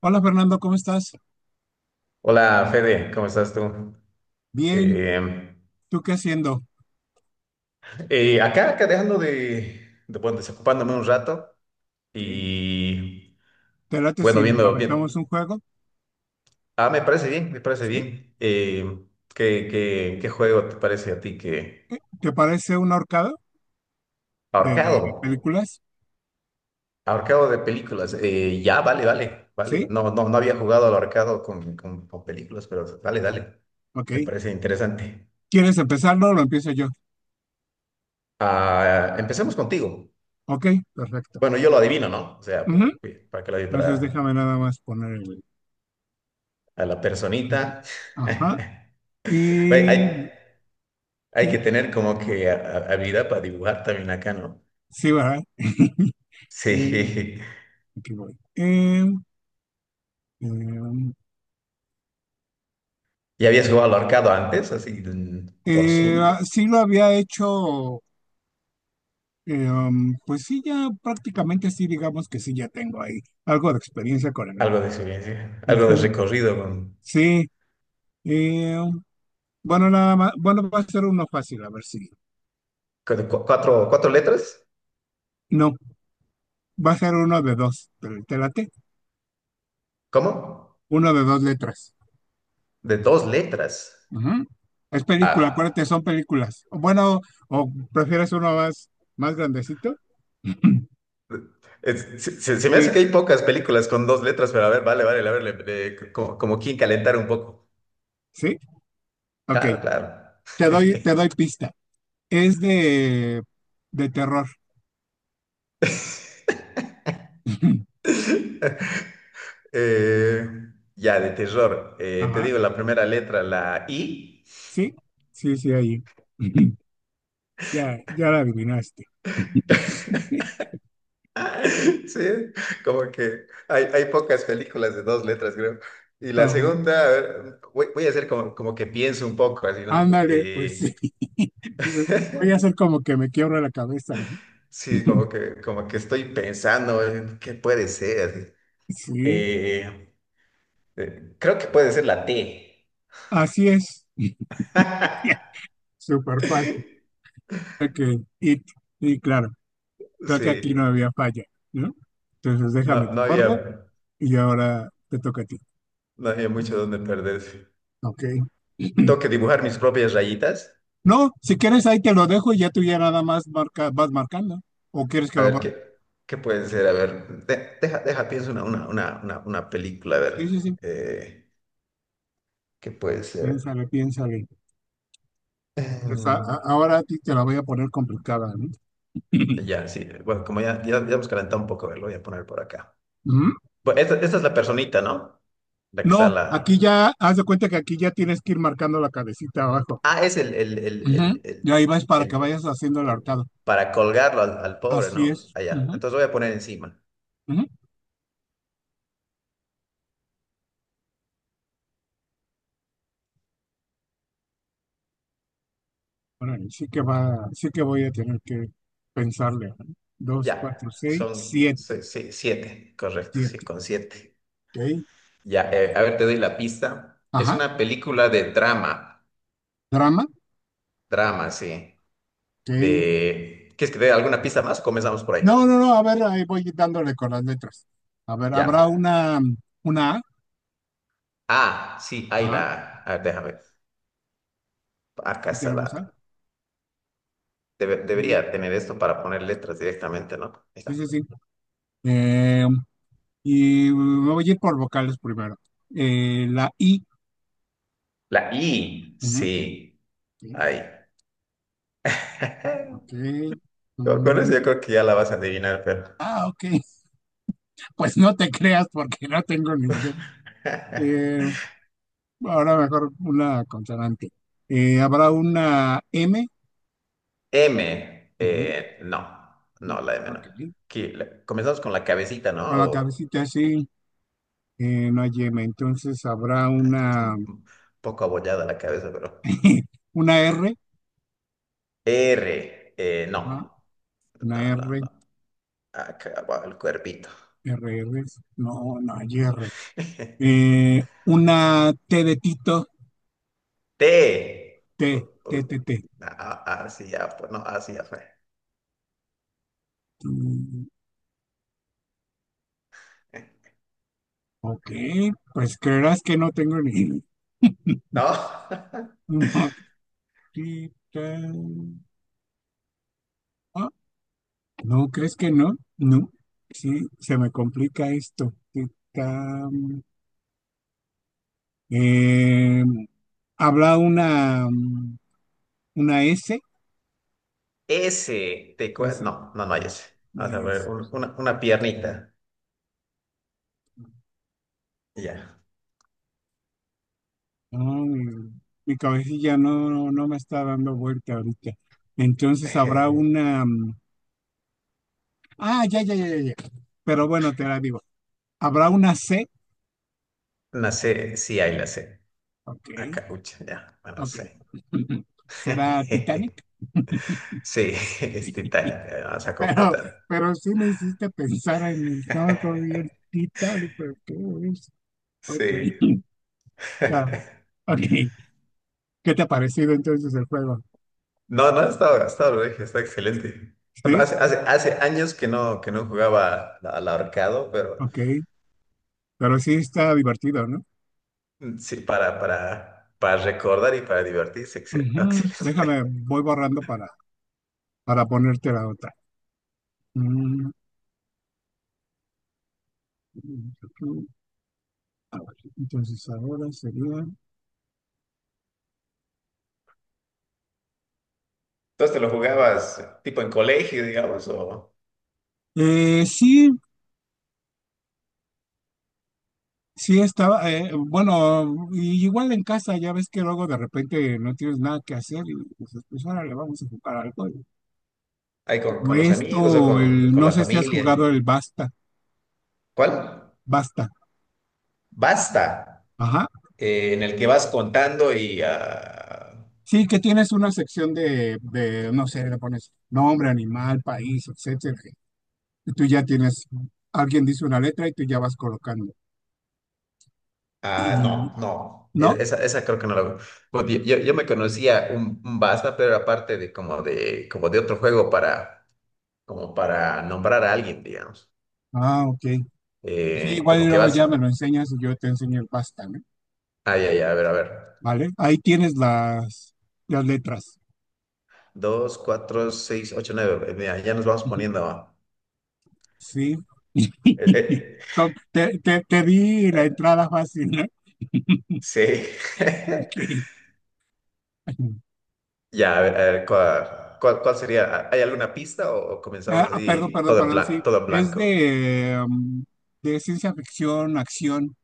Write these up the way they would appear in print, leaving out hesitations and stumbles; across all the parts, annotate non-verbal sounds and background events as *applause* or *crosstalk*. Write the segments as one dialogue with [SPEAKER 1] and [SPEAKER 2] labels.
[SPEAKER 1] Hola Fernando, ¿cómo estás?
[SPEAKER 2] Hola Fede, ¿cómo estás tú?
[SPEAKER 1] Bien,
[SPEAKER 2] Eh,
[SPEAKER 1] ¿tú qué haciendo?
[SPEAKER 2] acá, acá dejando bueno, desocupándome un rato
[SPEAKER 1] Ok.
[SPEAKER 2] y
[SPEAKER 1] ¿Te late
[SPEAKER 2] bueno,
[SPEAKER 1] si nos
[SPEAKER 2] viendo
[SPEAKER 1] aventamos
[SPEAKER 2] bien.
[SPEAKER 1] un juego?
[SPEAKER 2] Ah, me parece bien, me parece
[SPEAKER 1] ¿Sí?
[SPEAKER 2] bien. ¿Qué, qué juego te parece a ti que
[SPEAKER 1] ¿Qué? ¿Te parece un ahorcado de
[SPEAKER 2] ahorcado?
[SPEAKER 1] películas?
[SPEAKER 2] Ahorcado de películas. Ya, vale, vale, vale.
[SPEAKER 1] ¿Sí?
[SPEAKER 2] No, no, no había jugado al ahorcado con, con películas, pero dale, dale.
[SPEAKER 1] Ok.
[SPEAKER 2] Me parece interesante.
[SPEAKER 1] ¿Quieres empezarlo o lo empiezo yo?
[SPEAKER 2] Ah, empecemos contigo.
[SPEAKER 1] Ok, perfecto.
[SPEAKER 2] Bueno, yo lo adivino, ¿no? O sea,
[SPEAKER 1] Ujú.
[SPEAKER 2] para que lo diga
[SPEAKER 1] Entonces
[SPEAKER 2] para
[SPEAKER 1] déjame nada más poner el...
[SPEAKER 2] a la personita.
[SPEAKER 1] Ajá.
[SPEAKER 2] *laughs* Hay, hay,
[SPEAKER 1] Y...
[SPEAKER 2] hay que
[SPEAKER 1] y-
[SPEAKER 2] tener como que habilidad para dibujar también acá, ¿no?
[SPEAKER 1] sí, ¿verdad? *laughs* Eh,
[SPEAKER 2] Sí.
[SPEAKER 1] aquí voy. Eh,
[SPEAKER 2] *laughs* ¿Ya habías jugado al arcado antes, así por
[SPEAKER 1] eh,
[SPEAKER 2] Zoom?
[SPEAKER 1] ah, sí lo había hecho. Pues sí, ya prácticamente sí, digamos que sí, ya tengo ahí algo de experiencia con el
[SPEAKER 2] Algo
[SPEAKER 1] norte.
[SPEAKER 2] de experiencia, algo de
[SPEAKER 1] Ujú.
[SPEAKER 2] recorrido
[SPEAKER 1] Sí, eh, um, bueno, nada más, bueno, va a ser uno fácil, a ver si.
[SPEAKER 2] con cuatro, cuatro letras.
[SPEAKER 1] No, va a ser uno de dos, pero te late,
[SPEAKER 2] ¿Cómo?
[SPEAKER 1] uno de dos letras.
[SPEAKER 2] De dos letras.
[SPEAKER 1] Ujú. Es película, acuérdate,
[SPEAKER 2] Ah,
[SPEAKER 1] son películas. O bueno, o prefieres uno más, más grandecito. *clears throat*
[SPEAKER 2] se, se me
[SPEAKER 1] Sí,
[SPEAKER 2] hace que hay pocas películas con dos letras, pero a ver, vale, vale, a ver, como, como quien calentar un poco.
[SPEAKER 1] sí, ok.
[SPEAKER 2] Claro, claro.
[SPEAKER 1] Te doy,
[SPEAKER 2] *laughs*
[SPEAKER 1] te doy pista. Es de terror. *laughs*
[SPEAKER 2] Eh, ya, de terror. Te
[SPEAKER 1] Ajá,
[SPEAKER 2] digo la primera letra, la I.
[SPEAKER 1] sí, sí, sí, ahí. *laughs* Ya, ya la adivinaste.
[SPEAKER 2] *laughs* Sí, como que hay pocas películas de dos letras, creo. Y la
[SPEAKER 1] Ajá.
[SPEAKER 2] segunda, a ver, voy, voy a hacer como, como que pienso un poco, así, ¿no?
[SPEAKER 1] Ándale, pues sí. *laughs* Dices, voy a
[SPEAKER 2] *laughs*
[SPEAKER 1] hacer como que me quiebro la cabeza, ¿no?
[SPEAKER 2] Sí,
[SPEAKER 1] *laughs*
[SPEAKER 2] como que estoy pensando en qué puede ser, así.
[SPEAKER 1] Sí,
[SPEAKER 2] Eh, creo que puede ser la T.
[SPEAKER 1] así es. *laughs*
[SPEAKER 2] *laughs*
[SPEAKER 1] Súper fácil. Ok, y, y claro, creo que aquí no
[SPEAKER 2] Sí,
[SPEAKER 1] había falla, ¿no? Entonces déjame
[SPEAKER 2] no,
[SPEAKER 1] te
[SPEAKER 2] no
[SPEAKER 1] borro
[SPEAKER 2] había,
[SPEAKER 1] y ahora te toca a ti.
[SPEAKER 2] no había mucho donde perderse.
[SPEAKER 1] Ok. *clears throat*
[SPEAKER 2] Tengo que dibujar mis propias rayitas.
[SPEAKER 1] No, si quieres ahí te lo dejo y ya tú ya nada más marca, vas marcando. ¿O quieres que
[SPEAKER 2] A
[SPEAKER 1] lo
[SPEAKER 2] ver,
[SPEAKER 1] borre?
[SPEAKER 2] ¿qué, qué puede ser? A ver, deja, deja, pienso una película, a
[SPEAKER 1] Sí,
[SPEAKER 2] ver,
[SPEAKER 1] sí, sí.
[SPEAKER 2] eh, ¿qué puede ser?
[SPEAKER 1] Piénsale, piénsale. Pues,
[SPEAKER 2] Em,
[SPEAKER 1] ahora a ti te la voy a poner complicada, ¿no? *laughs*
[SPEAKER 2] ya, sí, bueno, como ya, ya, ya hemos calentado un poco, a ver, lo voy a poner por acá.
[SPEAKER 1] Ujú.
[SPEAKER 2] Bueno, esta es la personita, ¿no? La que está
[SPEAKER 1] No, aquí
[SPEAKER 2] la...
[SPEAKER 1] ya, haz de cuenta que aquí ya tienes que ir marcando la cabecita abajo.
[SPEAKER 2] Ah, es
[SPEAKER 1] Ujú. Y
[SPEAKER 2] el,
[SPEAKER 1] ahí vas para que
[SPEAKER 2] el-
[SPEAKER 1] vayas haciendo el
[SPEAKER 2] el-
[SPEAKER 1] arcado.
[SPEAKER 2] para colgarlo al, al pobre,
[SPEAKER 1] Así
[SPEAKER 2] ¿no?
[SPEAKER 1] es.
[SPEAKER 2] Allá.
[SPEAKER 1] Ujú,
[SPEAKER 2] Entonces voy a poner encima.
[SPEAKER 1] ujú. Órale, sí que va, sí que voy a tener que pensarle, ¿no? Dos, cuatro,
[SPEAKER 2] Ya,
[SPEAKER 1] seis,
[SPEAKER 2] son
[SPEAKER 1] siete.
[SPEAKER 2] siete, correcto, sí,
[SPEAKER 1] Siete.
[SPEAKER 2] con siete.
[SPEAKER 1] Ok.
[SPEAKER 2] Ya, a ver, te doy la pista. Es
[SPEAKER 1] Ajá.
[SPEAKER 2] una película de drama,
[SPEAKER 1] Drama.
[SPEAKER 2] drama, sí.
[SPEAKER 1] Ok.
[SPEAKER 2] De... ¿Quieres que te dé alguna pista más? O comenzamos por ahí.
[SPEAKER 1] No, no, no. A ver, ahí voy dándole con las letras. A ver, habrá
[SPEAKER 2] Ya.
[SPEAKER 1] una A.
[SPEAKER 2] Ah, sí, ahí
[SPEAKER 1] Ajá.
[SPEAKER 2] la... A ver, déjame. Acá
[SPEAKER 1] Sí
[SPEAKER 2] está la...
[SPEAKER 1] tenemos A. Mm.
[SPEAKER 2] debería tener esto para poner letras directamente, ¿no? Ahí
[SPEAKER 1] Sí,
[SPEAKER 2] está.
[SPEAKER 1] sí, sí. Eh, Y me voy a ir por vocales primero. La I.
[SPEAKER 2] La I,
[SPEAKER 1] Ujú.
[SPEAKER 2] sí.
[SPEAKER 1] Ok.
[SPEAKER 2] Ahí.
[SPEAKER 1] Ok.
[SPEAKER 2] *laughs* Con
[SPEAKER 1] Mm.
[SPEAKER 2] eso yo creo que ya la vas a adivinar, pero...
[SPEAKER 1] Ah, ok. *laughs* Pues no te creas porque no tengo ni idea.
[SPEAKER 2] *laughs*
[SPEAKER 1] Eh, ahora mejor una consonante. ¿Habrá una M?
[SPEAKER 2] M,
[SPEAKER 1] Ujú.
[SPEAKER 2] no.
[SPEAKER 1] No.
[SPEAKER 2] No, la M no.
[SPEAKER 1] Ok.
[SPEAKER 2] Aquí, la- comenzamos con la cabecita, ¿no?
[SPEAKER 1] Con la
[SPEAKER 2] O-
[SPEAKER 1] cabecita así, no hay M. Entonces habrá
[SPEAKER 2] está
[SPEAKER 1] una,
[SPEAKER 2] un poco abollada la cabeza, pero.
[SPEAKER 1] *laughs* una R.
[SPEAKER 2] R,
[SPEAKER 1] Ajá.
[SPEAKER 2] no. No,
[SPEAKER 1] Una
[SPEAKER 2] no,
[SPEAKER 1] R.
[SPEAKER 2] no. Acá va el cuerpito.
[SPEAKER 1] R, R. No, no hay R.
[SPEAKER 2] *laughs*
[SPEAKER 1] Una T de Tito.
[SPEAKER 2] T.
[SPEAKER 1] T,
[SPEAKER 2] U-
[SPEAKER 1] T, T,
[SPEAKER 2] u-
[SPEAKER 1] T.
[SPEAKER 2] ah, ah, sí, ya fue. No, así ya fue. *laughs*
[SPEAKER 1] Mm. Ok, pues creerás que no tengo ni...
[SPEAKER 2] No. *laughs*
[SPEAKER 1] No, sí, ah, ¿no crees que no? No, sí, se me complica esto. Sí, tam, eh, ¿habrá una S?
[SPEAKER 2] S. Te cue-
[SPEAKER 1] S,
[SPEAKER 2] no, no, no hay S.
[SPEAKER 1] no
[SPEAKER 2] Vamos
[SPEAKER 1] hay
[SPEAKER 2] a ver,
[SPEAKER 1] S.
[SPEAKER 2] una piernita. Ya.
[SPEAKER 1] No, mi cabecilla no, no, no me está dando vuelta ahorita. Entonces habrá
[SPEAKER 2] *laughs*
[SPEAKER 1] una. Ah, ya, ya, ya, ya, ya. Pero bueno, te la digo. ¿Habrá una C?
[SPEAKER 2] Una C. Sí hay la C.
[SPEAKER 1] Ok.
[SPEAKER 2] Acá, ucha, ya. Bueno,
[SPEAKER 1] Ok.
[SPEAKER 2] C.
[SPEAKER 1] *laughs* ¿Será
[SPEAKER 2] *laughs*
[SPEAKER 1] Titanic?
[SPEAKER 2] Sí, *laughs* es
[SPEAKER 1] *laughs*
[SPEAKER 2] titánica. Vamos a
[SPEAKER 1] Pero,
[SPEAKER 2] completar.
[SPEAKER 1] pero sí me hiciste pensar en el no, como vi el
[SPEAKER 2] *laughs*
[SPEAKER 1] Titanic, pero ¿qué es? Ok.
[SPEAKER 2] Sí.
[SPEAKER 1] *laughs* Ah,
[SPEAKER 2] *laughs*
[SPEAKER 1] ok. ¿Qué te ha parecido entonces el juego?
[SPEAKER 2] No, no, estaba gastado, dije, está excelente. Bueno,
[SPEAKER 1] Sí,
[SPEAKER 2] hace, hace, hace años que no jugaba al al ahorcado, pero
[SPEAKER 1] ok. Pero sí está divertido, ¿no?
[SPEAKER 2] sí, para recordar y para divertirse, no,
[SPEAKER 1] Ujú. Déjame,
[SPEAKER 2] excelente.
[SPEAKER 1] voy borrando para, ponerte la otra. Mm, a ver, entonces ahora sería.
[SPEAKER 2] *laughs* Entonces, ¿te lo jugabas tipo en colegio, digamos, o
[SPEAKER 1] Sí, sí, estaba, bueno, y igual en casa, ya ves que luego de repente no tienes nada que hacer y dices, pues ahora le vamos a jugar algo.
[SPEAKER 2] ahí
[SPEAKER 1] O
[SPEAKER 2] con los
[SPEAKER 1] esto,
[SPEAKER 2] amigos o
[SPEAKER 1] o el,
[SPEAKER 2] con
[SPEAKER 1] no
[SPEAKER 2] la
[SPEAKER 1] sé si has
[SPEAKER 2] familia?
[SPEAKER 1] jugado el Basta,
[SPEAKER 2] ¿Cuál?
[SPEAKER 1] Basta,
[SPEAKER 2] Basta,
[SPEAKER 1] ajá.
[SPEAKER 2] en el que vas contando y ah,
[SPEAKER 1] Sí, que tienes una sección de, no sé, le pones nombre, animal, país, etcétera. Y tú ya tienes, alguien dice una letra y tú ya vas colocando.
[SPEAKER 2] ah, no,
[SPEAKER 1] Y,
[SPEAKER 2] no,
[SPEAKER 1] ¿no?
[SPEAKER 2] esa, esa creo que no la veo. Bueno, yo, yo me conocía un Baza, pero aparte de como de, como de otro juego para, como para nombrar a alguien, digamos.
[SPEAKER 1] Ah, ok. Sí, igual y
[SPEAKER 2] Como que
[SPEAKER 1] luego
[SPEAKER 2] vas,
[SPEAKER 1] ya me lo enseñas y yo te enseño el Basta, ¿no?
[SPEAKER 2] ay, ay, a ver, a ver.
[SPEAKER 1] ¿Vale? Ahí tienes las letras.
[SPEAKER 2] Dos, cuatro, seis, ocho, nueve. Mira, ya nos vamos poniendo.
[SPEAKER 1] Sí.
[SPEAKER 2] eh,
[SPEAKER 1] *laughs* Te di
[SPEAKER 2] eh,
[SPEAKER 1] la
[SPEAKER 2] eh,
[SPEAKER 1] entrada fácil, ¿no? *laughs*
[SPEAKER 2] sí. *laughs*
[SPEAKER 1] Ok.
[SPEAKER 2] Ya, a ver, ¿cuál, cuál, cuál sería? ¿Hay alguna pista o
[SPEAKER 1] Ah,
[SPEAKER 2] comenzamos
[SPEAKER 1] ah, perdón,
[SPEAKER 2] así
[SPEAKER 1] perdón,
[SPEAKER 2] todo en
[SPEAKER 1] perdón,
[SPEAKER 2] blanco,
[SPEAKER 1] sí.
[SPEAKER 2] todo en
[SPEAKER 1] Es
[SPEAKER 2] blanco?
[SPEAKER 1] de ciencia ficción, acción.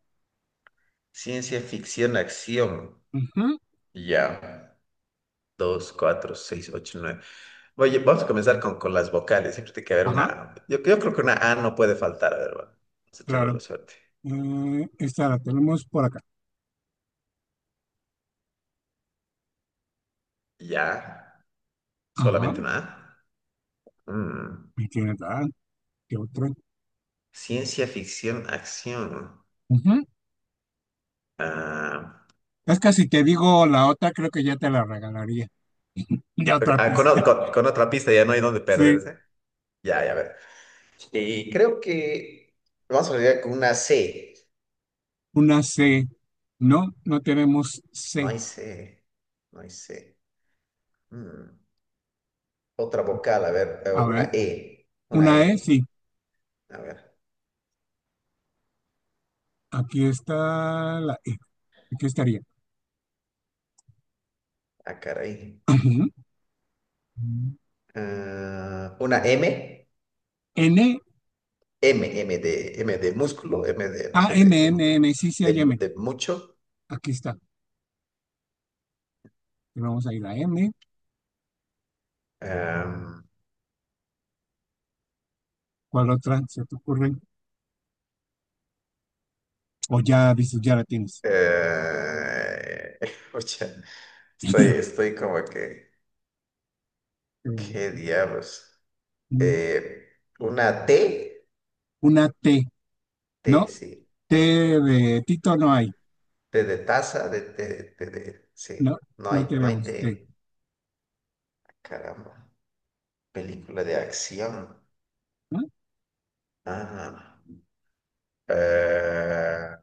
[SPEAKER 2] Ciencia ficción, acción.
[SPEAKER 1] Ujú.
[SPEAKER 2] Ya. Dos, cuatro, seis, ocho, nueve. Oye, vamos a comenzar con las vocales. Siempre tiene que haber
[SPEAKER 1] Ajá,
[SPEAKER 2] una. Yo creo que una A no puede faltar. A ver, va, vamos a echarlo a la
[SPEAKER 1] claro.
[SPEAKER 2] suerte.
[SPEAKER 1] Esta la tenemos por acá.
[SPEAKER 2] Ya,
[SPEAKER 1] Ajá,
[SPEAKER 2] solamente una A. Mm.
[SPEAKER 1] me tiene tal. ¿Qué otra?
[SPEAKER 2] Ciencia ficción, acción.
[SPEAKER 1] Ujú.
[SPEAKER 2] Ah,
[SPEAKER 1] Es que si te digo la otra, creo que ya te la regalaría. De
[SPEAKER 2] ok,
[SPEAKER 1] otra
[SPEAKER 2] ah, con,
[SPEAKER 1] pista. *laughs*
[SPEAKER 2] con otra pista ya no hay dónde
[SPEAKER 1] Sí,
[SPEAKER 2] perderse. Ya, ya, a ver. Y creo que vamos a llegar con una C.
[SPEAKER 1] una C. No, no tenemos
[SPEAKER 2] No
[SPEAKER 1] C.
[SPEAKER 2] hay C. No hay C. Mm. Otra vocal, a ver,
[SPEAKER 1] A
[SPEAKER 2] una
[SPEAKER 1] ver,
[SPEAKER 2] E. Una
[SPEAKER 1] una E,
[SPEAKER 2] E.
[SPEAKER 1] sí.
[SPEAKER 2] A ver.
[SPEAKER 1] Aquí está la E. Aquí estaría.
[SPEAKER 2] Ah, caray.
[SPEAKER 1] Ujú.
[SPEAKER 2] Ah, una M,
[SPEAKER 1] N,
[SPEAKER 2] M, M de músculo, M de, no
[SPEAKER 1] A,
[SPEAKER 2] sé,
[SPEAKER 1] M,
[SPEAKER 2] de,
[SPEAKER 1] M, M. Sí, sí
[SPEAKER 2] de,
[SPEAKER 1] hay M.
[SPEAKER 2] de mucho.
[SPEAKER 1] Aquí está. Vamos a ir a M.
[SPEAKER 2] Am,
[SPEAKER 1] ¿Cuál otra se te ocurre? O ya dices, ya la tienes.
[SPEAKER 2] eh, *laughs* oye, estoy,
[SPEAKER 1] *laughs*
[SPEAKER 2] estoy como que, ¿qué diablos? Eh, una T,
[SPEAKER 1] Una T,
[SPEAKER 2] T,
[SPEAKER 1] ¿no?
[SPEAKER 2] sí,
[SPEAKER 1] T de Tito no hay.
[SPEAKER 2] T de taza, de- sí,
[SPEAKER 1] No,
[SPEAKER 2] no hay,
[SPEAKER 1] no
[SPEAKER 2] no hay
[SPEAKER 1] tenemos T.
[SPEAKER 2] T, caramba, película de acción.
[SPEAKER 1] ¿No?
[SPEAKER 2] Ah, eh,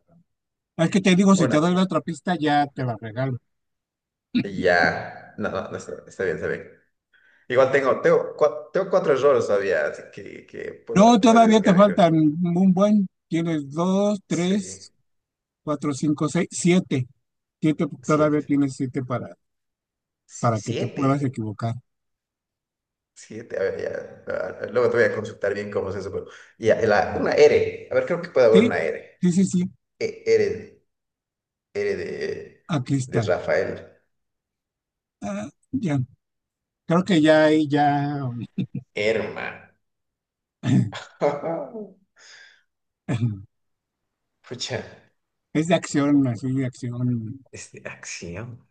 [SPEAKER 1] Es que te digo, si te doy
[SPEAKER 2] una,
[SPEAKER 1] la otra pista, ya te la regalo.
[SPEAKER 2] ya, no, no, no, está, está bien, está bien. Igual tengo, tengo, tengo cuatro errores todavía, así que
[SPEAKER 1] No,
[SPEAKER 2] puedo, puedo
[SPEAKER 1] todavía te
[SPEAKER 2] arriesgar yo.
[SPEAKER 1] faltan un buen. Tienes dos,
[SPEAKER 2] Sí,
[SPEAKER 1] tres, cuatro, cinco, seis, siete. Siete, todavía
[SPEAKER 2] siete.
[SPEAKER 1] tienes siete para
[SPEAKER 2] Sí,
[SPEAKER 1] para que te puedas
[SPEAKER 2] siete.
[SPEAKER 1] equivocar.
[SPEAKER 2] Siete, a ver, ya. Luego te voy a consultar bien cómo es eso, pero. Ya, la- una R. A ver, creo que puede haber
[SPEAKER 1] Sí,
[SPEAKER 2] una R.
[SPEAKER 1] sí, sí, sí,
[SPEAKER 2] R, R
[SPEAKER 1] aquí
[SPEAKER 2] de
[SPEAKER 1] está.
[SPEAKER 2] Rafael.
[SPEAKER 1] Ah, ya, creo que ya ahí ya
[SPEAKER 2] Herma.
[SPEAKER 1] *clears throat*
[SPEAKER 2] *laughs*
[SPEAKER 1] *laughs*
[SPEAKER 2] Pucha.
[SPEAKER 1] es de acción, así de acción.
[SPEAKER 2] Este, acción.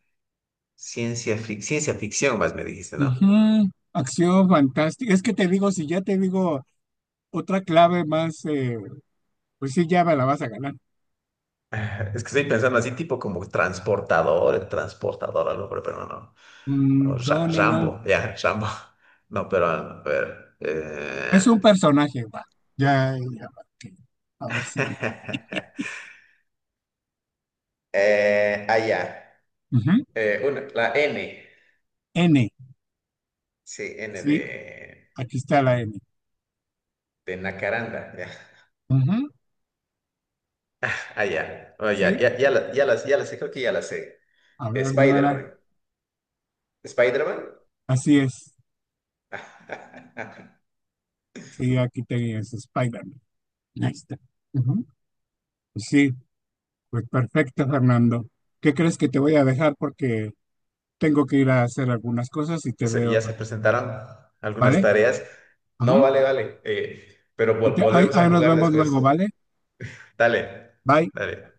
[SPEAKER 2] Ciencia, ciencia ficción, más me dijiste, ¿no?
[SPEAKER 1] Ujú. Acción fantástica. Es que te digo, si ya te digo otra clave más, pues sí, ya me la vas a ganar.
[SPEAKER 2] *laughs* Es que estoy pensando así, tipo como transportador, el transportador, algo, pero no, no. O
[SPEAKER 1] Mm, no, no, no.
[SPEAKER 2] Rambo, ya, Rambo. *laughs* No, pero a ver.
[SPEAKER 1] Es un personaje, va. Ya, ya, va, ok. A ver si.
[SPEAKER 2] *laughs* Eh, ah,
[SPEAKER 1] Ujú.
[SPEAKER 2] La N.
[SPEAKER 1] N,
[SPEAKER 2] Sí, N
[SPEAKER 1] sí, aquí está la N.
[SPEAKER 2] de Nacaranda. Ya.
[SPEAKER 1] Ujú.
[SPEAKER 2] *laughs* Allá ya. Oh, ya,
[SPEAKER 1] Sí,
[SPEAKER 2] ya, ya, la, ya, la, ya la sé, creo que ya la sé.
[SPEAKER 1] a ver, dímela.
[SPEAKER 2] Spider-Man. ¿Spider-Man?
[SPEAKER 1] Así es.
[SPEAKER 2] *laughs*
[SPEAKER 1] Y aquí tenías Spider-Man. Ahí está. Ujú. Sí, pues perfecto, Fernando. ¿Qué crees que te voy a dejar? Porque tengo que ir a hacer algunas cosas y te veo,
[SPEAKER 2] Ya se presentaron algunas
[SPEAKER 1] ¿vale?
[SPEAKER 2] tareas.
[SPEAKER 1] Ajá.
[SPEAKER 2] No, vale, vale. Pero
[SPEAKER 1] Y te- ahí
[SPEAKER 2] volvemos a
[SPEAKER 1] ahí nos
[SPEAKER 2] jugar
[SPEAKER 1] vemos luego,
[SPEAKER 2] después.
[SPEAKER 1] ¿vale?
[SPEAKER 2] Dale,
[SPEAKER 1] Bye.
[SPEAKER 2] dale.